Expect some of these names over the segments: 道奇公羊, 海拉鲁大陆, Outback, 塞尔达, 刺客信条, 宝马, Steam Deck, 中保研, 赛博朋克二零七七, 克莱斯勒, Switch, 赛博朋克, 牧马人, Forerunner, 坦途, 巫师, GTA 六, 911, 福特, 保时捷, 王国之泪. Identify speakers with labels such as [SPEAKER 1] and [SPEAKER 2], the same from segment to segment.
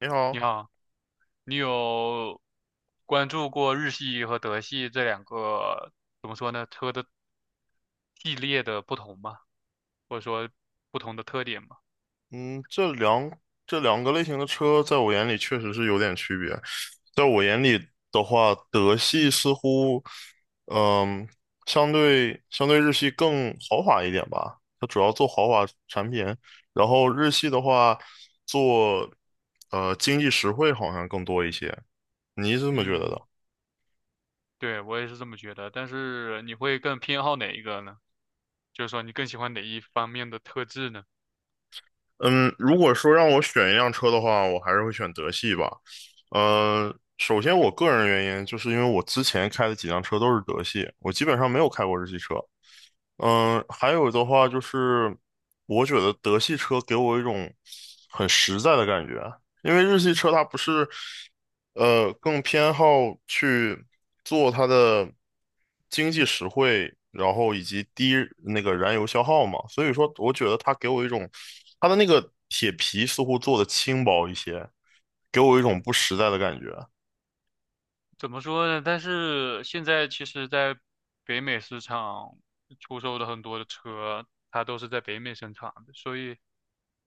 [SPEAKER 1] 你
[SPEAKER 2] 你
[SPEAKER 1] 好。
[SPEAKER 2] 好，你有关注过日系和德系这两个，怎么说呢，车的系列的不同吗？或者说不同的特点吗？
[SPEAKER 1] 嗯，这两这两个类型的车在我眼里确实是有点区别。在我眼里的话，德系似乎，嗯，相对日系更豪华一点吧。它主要做豪华产品，然后日系的话做经济实惠好像更多一些。你是这么觉得
[SPEAKER 2] 嗯，
[SPEAKER 1] 的？
[SPEAKER 2] 对，我也是这么觉得。但是你会更偏好哪一个呢？就是说你更喜欢哪一方面的特质呢？
[SPEAKER 1] 嗯，如果说让我选一辆车的话，我还是会选德系吧。首先我个人原因就是因为我之前开的几辆车都是德系，我基本上没有开过日系车。还有的话就是，我觉得德系车给我一种很实在的感觉，因为日系车它不是，更偏好去做它的经济实惠，然后以及低那个燃油消耗嘛，所以说我觉得它给我一种，它的那个铁皮似乎做的轻薄一些，给我一种
[SPEAKER 2] 嗯。
[SPEAKER 1] 不实在的感觉。
[SPEAKER 2] 怎么说呢？但是现在其实，在北美市场出售的很多的车，它都是在北美生产的，所以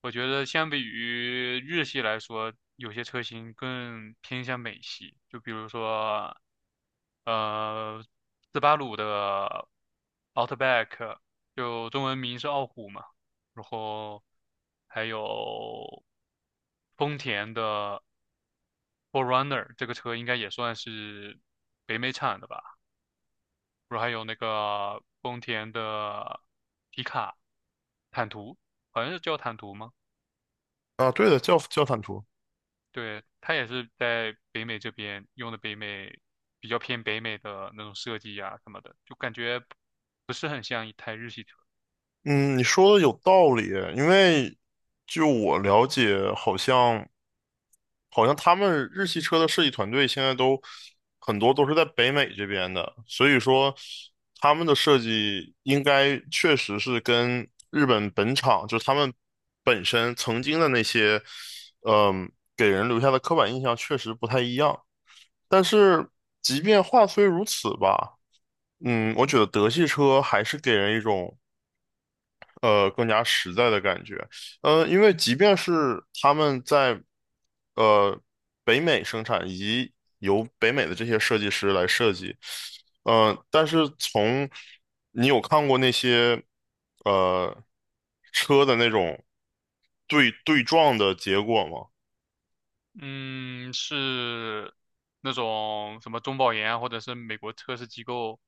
[SPEAKER 2] 我觉得相比于日系来说，有些车型更偏向美系。就比如说，呃，斯巴鲁的 Outback，就中文名是傲虎嘛，然后还有丰田的。f o r r u n n e r 这个车应该也算是北美产的吧，然后还有那个丰田的皮卡坦途，好像是叫坦途吗？
[SPEAKER 1] 啊，对的，叫坦途。
[SPEAKER 2] 对，它也是在北美这边用的北美比较偏北美的那种设计呀、什么的，就感觉不是很像一台日系车。
[SPEAKER 1] 嗯，你说的有道理，因为就我了解，好像他们日系车的设计团队现在都很多都是在北美这边的，所以说他们的设计应该确实是跟日本本厂，就是他们本身曾经的那些，嗯，给人留下的刻板印象确实不太一样。但是即便话虽如此吧，我觉得德系车还是给人一种更加实在的感觉。因为即便是他们在呃北美生产，以及由北美的这些设计师来设计，但是从你有看过那些呃车的那种对撞的结果吗？
[SPEAKER 2] 嗯，是那种什么中保研啊或者是美国测试机构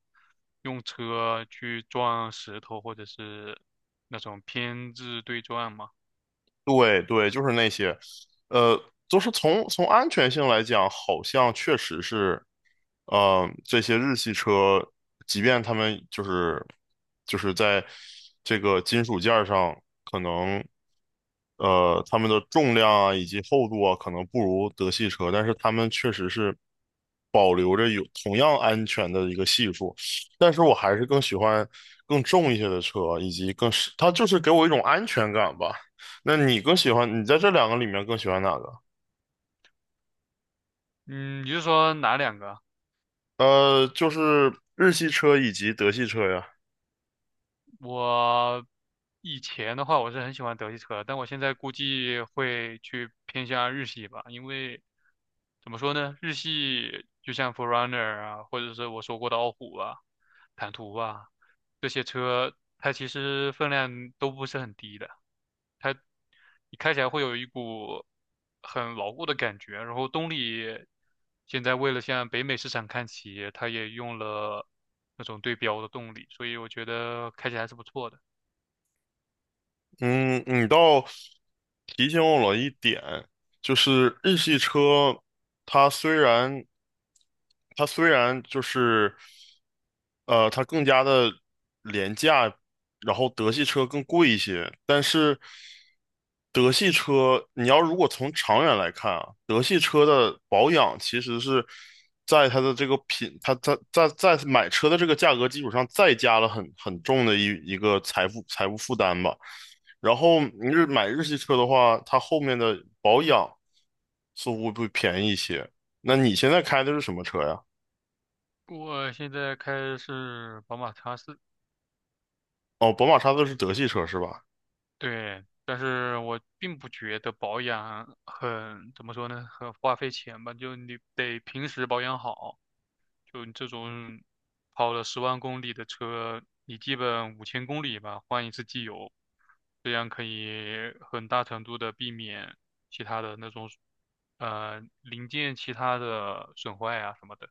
[SPEAKER 2] 用车去撞石头，或者是那种偏置对撞嘛。
[SPEAKER 1] 对对，就是那些，呃，就是从安全性来讲，好像确实是，这些日系车，即便他们就是在这个金属件儿上，可能它们的重量啊以及厚度啊，可能不如德系车，但是它们确实是保留着有同样安全的一个系数。但是我还是更喜欢更重一些的车，以及更是，它就是给我一种安全感吧。那你更喜欢，你在这两个里面更喜欢哪个？
[SPEAKER 2] 嗯，你是说哪两个啊？
[SPEAKER 1] 就是日系车以及德系车呀。
[SPEAKER 2] 我以前的话，我是很喜欢德系车，但我现在估计会去偏向日系吧，因为怎么说呢，日系就像 f o r r u n n e r 啊，或者是我说过的傲虎啊、坦途啊这些车，它其实分量都不是很低的，你开起来会有一股很牢固的感觉。然后动力现在为了向北美市场看齐，它也用了那种对标的动力，所以我觉得开起来还是不错的。
[SPEAKER 1] 嗯，你倒提醒我了一点，就是日系车，它虽然它虽然就是它更加的廉价，然后德系车更贵一些，但是德系车你要如果从长远来看啊，德系车的保养其实是在它的这个品，它在买车的这个价格基础上再加了很重的一个财务负担吧。然后你买日系车的话，它后面的保养似乎会便宜一些。那你现在开的是什么车呀？
[SPEAKER 2] 我现在开的是宝马叉四，
[SPEAKER 1] 哦，宝马叉子是德系车是吧？
[SPEAKER 2] 对，但是我并不觉得保养很，怎么说呢，很花费钱吧，就你得平时保养好，就你这种跑了10万公里的车，你基本5000公里吧，换一次机油，这样可以很大程度的避免其他的那种，零件其他的损坏啊什么的。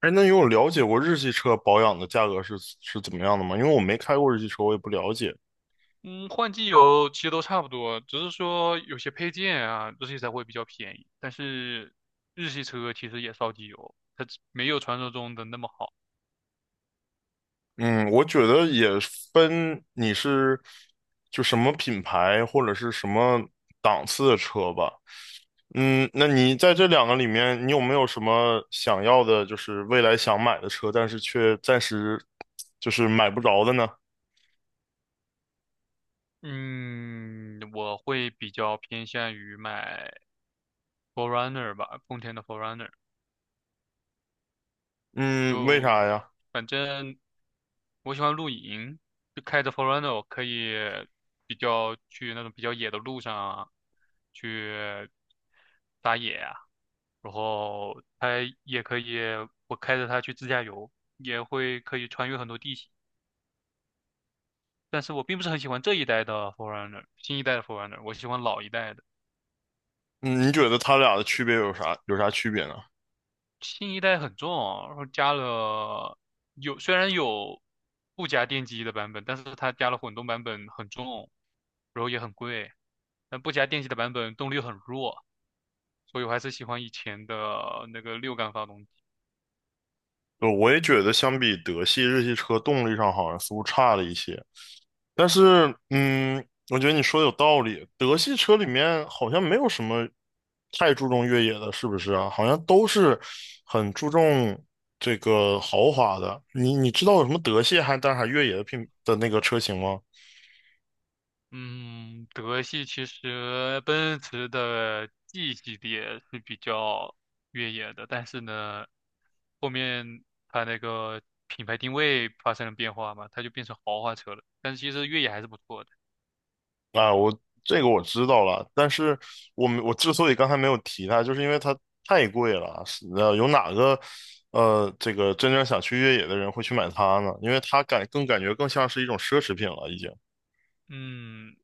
[SPEAKER 1] 哎，那你有了解过日系车保养的价格是怎么样的吗？因为我没开过日系车，我也不了解。
[SPEAKER 2] 嗯，换机油其实都差不多，只是说有些配件啊，日系才会比较便宜。但是日系车其实也烧机油，它只没有传说中的那么好。
[SPEAKER 1] 嗯，我觉得也分你是就什么品牌或者是什么档次的车吧。那你在这两个里面，你有没有什么想要的，就是未来想买的车，但是却暂时就是买不着的呢？
[SPEAKER 2] 嗯，我会比较偏向于买 f o r e r u n n e r 吧，丰田的 f o r e r u n n e r
[SPEAKER 1] 嗯，为
[SPEAKER 2] 就
[SPEAKER 1] 啥呀？
[SPEAKER 2] 反正我喜欢露营，就开着 f o r u n n e r 我可以比较去那种比较野的路上啊去打野啊，然后它也可以，我开着它去自驾游，也会可以穿越很多地形。但是我并不是很喜欢这一代的 Forerunner，新一代的 Forerunner，我喜欢老一代的。
[SPEAKER 1] 嗯，你觉得它俩的区别有啥区别呢？
[SPEAKER 2] 新一代很重啊，然后加了虽然有不加电机的版本，但是它加了混动版本很重，然后也很贵。但不加电机的版本动力很弱，所以我还是喜欢以前的那个6缸发动机。
[SPEAKER 1] 我也觉得相比德系、日系车，动力上好像似乎差了一些。但是，我觉得你说的有道理。德系车里面好像没有什么太注重越野的，是不是啊？好像都是很注重这个豪华的。你知道有什么德系还但是还越野的那个车型吗？
[SPEAKER 2] 嗯，德系其实奔驰的 G 系列是比较越野的，但是呢，后面它那个品牌定位发生了变化嘛，它就变成豪华车了。但是其实越野还是不错的。
[SPEAKER 1] 啊，我这个我知道了，但是我之所以刚才没有提它，就是因为它太贵了。是，有哪个这个真正想去越野的人会去买它呢？因为它感觉更像是一种奢侈品了，已经。
[SPEAKER 2] 嗯，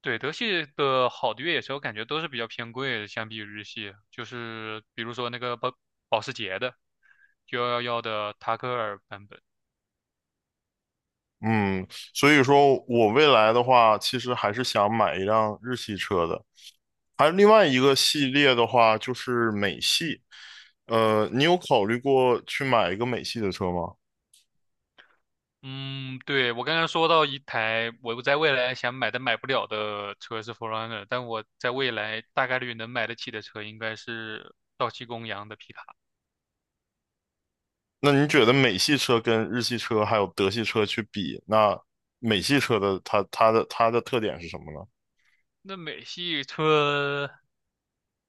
[SPEAKER 2] 对，德系的好的越野车，我感觉都是比较偏贵的，相比于日系，就是比如说那个保时捷的911的塔克尔版本。
[SPEAKER 1] 嗯，所以说我未来的话，其实还是想买一辆日系车的。还有另外一个系列的话，就是美系。你有考虑过去买一个美系的车吗？
[SPEAKER 2] 嗯，对，我刚刚说到一台我在未来想买但买不了的车是 f e r u n n e r 但我在未来大概率能买得起的车应该是道奇公羊的皮卡。
[SPEAKER 1] 那你觉得美系车跟日系车还有德系车去比，那美系车的它的特点是什么呢？
[SPEAKER 2] 那美系车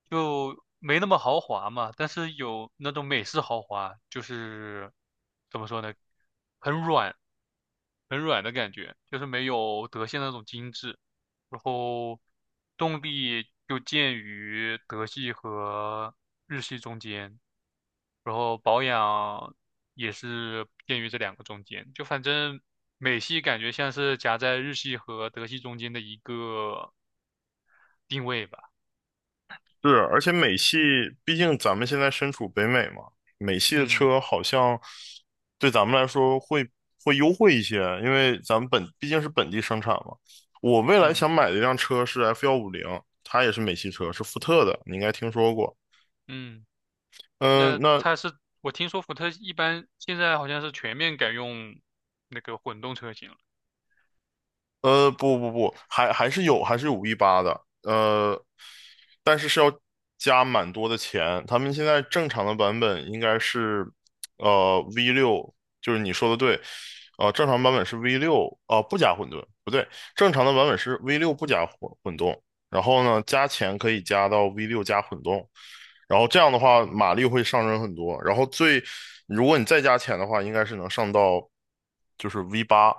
[SPEAKER 2] 就没那么豪华嘛，但是有那种美式豪华，就是怎么说呢，很软，很软的感觉，就是没有德系那种精致。然后动力就介于德系和日系中间，然后保养也是介于这两个中间。就反正美系感觉像是夹在日系和德系中间的一个定位吧。
[SPEAKER 1] 是，而且美系，毕竟咱们现在身处北美嘛，美系的
[SPEAKER 2] 嗯
[SPEAKER 1] 车好像对咱们来说会优惠一些，因为咱们毕竟是本地生产嘛。我未来
[SPEAKER 2] 嗯
[SPEAKER 1] 想买的一辆车是 F 幺五零，它也是美系车，是福特的，你应该听说过。
[SPEAKER 2] 嗯，
[SPEAKER 1] 嗯，
[SPEAKER 2] 那
[SPEAKER 1] 那
[SPEAKER 2] 它是我听说福特一般现在好像是全面改用那个混动车型了。
[SPEAKER 1] 不不不，还是有 V 八的，但是要加蛮多的钱。他们现在正常的版本应该是，V 六，就是你说的对，正常版本是 V 六，不加混沌，不对，正常的版本是 V 六不加混动，然后呢，加钱可以加到 V 六加混动，然后这样的话
[SPEAKER 2] 嗯。
[SPEAKER 1] 马力会上升很多，然后最，如果你再加钱的话，应该是能上到就是 V 八。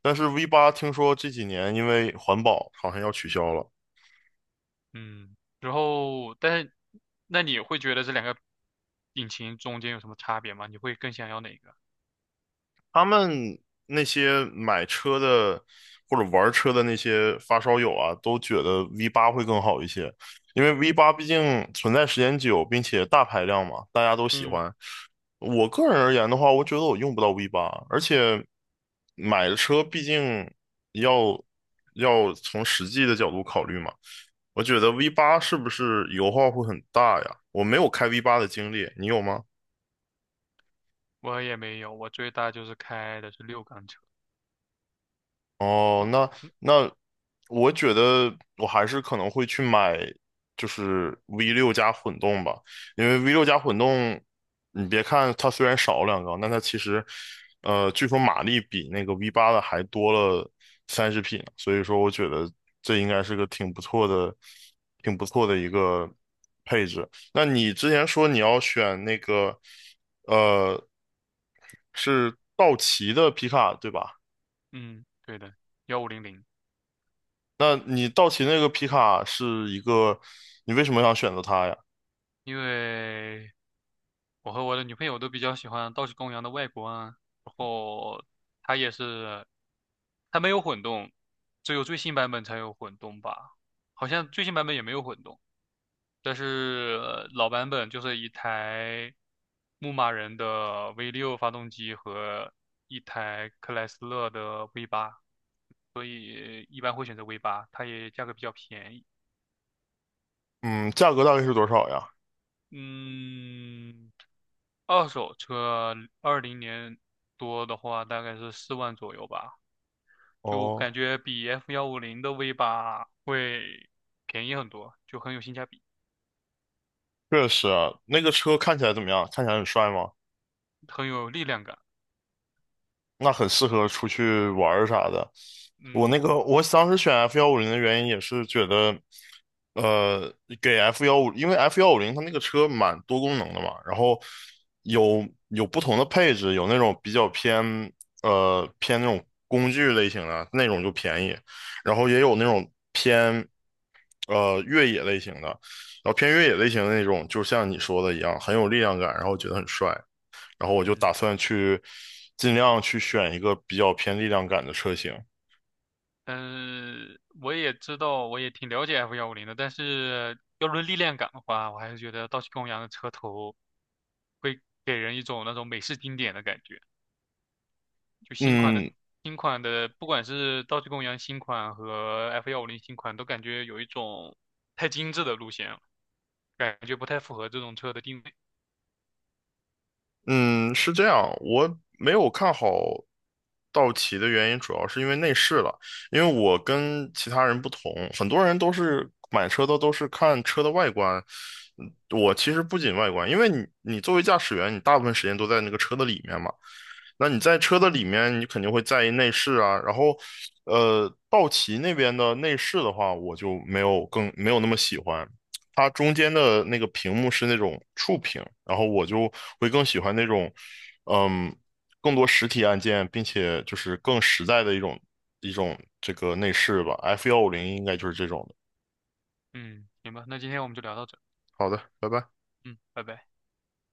[SPEAKER 1] 但是 V 八听说这几年因为环保好像要取消了，
[SPEAKER 2] 嗯，然后但是那你会觉得这两个引擎中间有什么差别吗？你会更想要哪个？
[SPEAKER 1] 他们那些买车的或者玩车的那些发烧友啊，都觉得 V 八会更好一些，因为 V 八毕竟存在时间久，并且大排量嘛，大家都喜
[SPEAKER 2] 嗯，
[SPEAKER 1] 欢。我个人而言的话，我觉得我用不到 V 八，而且买的车毕竟要要从实际的角度考虑嘛。我觉得 V 八是不是油耗会很大呀？我没有开 V 八的经历，你有吗？
[SPEAKER 2] 我也没有，我最大就是开的是6缸车，
[SPEAKER 1] 哦，
[SPEAKER 2] 哦
[SPEAKER 1] 那我觉得我还是可能会去买，就是 V 六加混动吧，因为 V 六加混动，你别看它虽然少了两缸，但它其实，据说马力比那个 V 八的还多了30匹呢，所以说我觉得这应该是个挺不错的一个配置。那你之前说你要选那个，呃，是道奇的皮卡，对吧？
[SPEAKER 2] 嗯，对的，1500，
[SPEAKER 1] 那你道奇那个皮卡是一个，你为什么想选择它呀？
[SPEAKER 2] 因为我和我的女朋友都比较喜欢道奇公羊的外观啊然后它也是，它没有混动，只有最新版本才有混动吧，好像最新版本也没有混动。但是老版本就是一台牧马人的 V6 发动机和一台克莱斯勒的 V8，也一般会选择 V8，它也价格比较便宜。
[SPEAKER 1] 嗯，价格大概是多少呀？
[SPEAKER 2] 嗯，二手车二零年多的话，大概是4万左右吧，就
[SPEAKER 1] 哦，
[SPEAKER 2] 感觉比 F 幺五零的 V8 会便宜很多，就很有性价比，
[SPEAKER 1] 确实啊，那个车看起来怎么样？看起来很帅吗？
[SPEAKER 2] 很有力量感。
[SPEAKER 1] 那很适合出去玩儿啥的。我那
[SPEAKER 2] 嗯
[SPEAKER 1] 个我当时选 F 幺五零的原因也是觉得，呃，给 F 幺五，因为 F 幺五零它那个车蛮多功能的嘛，然后有不同的配置，有那种比较偏那种工具类型的那种就便宜，然后也有那种偏越野类型的，然后偏越野类型的那种，就像你说的一样，很有力量感，然后觉得很帅。然后我就
[SPEAKER 2] 嗯，
[SPEAKER 1] 打算去尽量去选一个比较偏力量感的车型。
[SPEAKER 2] 嗯，我也知道，我也挺了解 F 幺五零的，但是要论力量感的话，我还是觉得道奇公羊的车头会给人一种那种美式经典的感觉。就新款的
[SPEAKER 1] 嗯
[SPEAKER 2] 新款的，不管是道奇公羊新款和 F 幺五零新款，都感觉有一种太精致的路线了，感觉不太符合这种车的定位。
[SPEAKER 1] 嗯，是这样，我没有看好道奇的原因主要是因为内饰了，因为我跟其他人不同，很多人都是买车的都是看车的外观。我其实不仅外观，因为你作为驾驶员，你大部分时间都在那个车的里面嘛。那你在车的里面，你肯定会在意内饰啊。然后，道奇那边的内饰的话，我就没有那么喜欢。它中间的那个屏幕是那种触屏，然后我就会更喜欢那种，嗯，更多实体按键，并且就是更实在的一种这个内饰吧。F 幺五零应该就是这种的。
[SPEAKER 2] 嗯，行吧，那今天我们就聊到这。
[SPEAKER 1] 好的，拜拜。
[SPEAKER 2] 嗯，拜拜。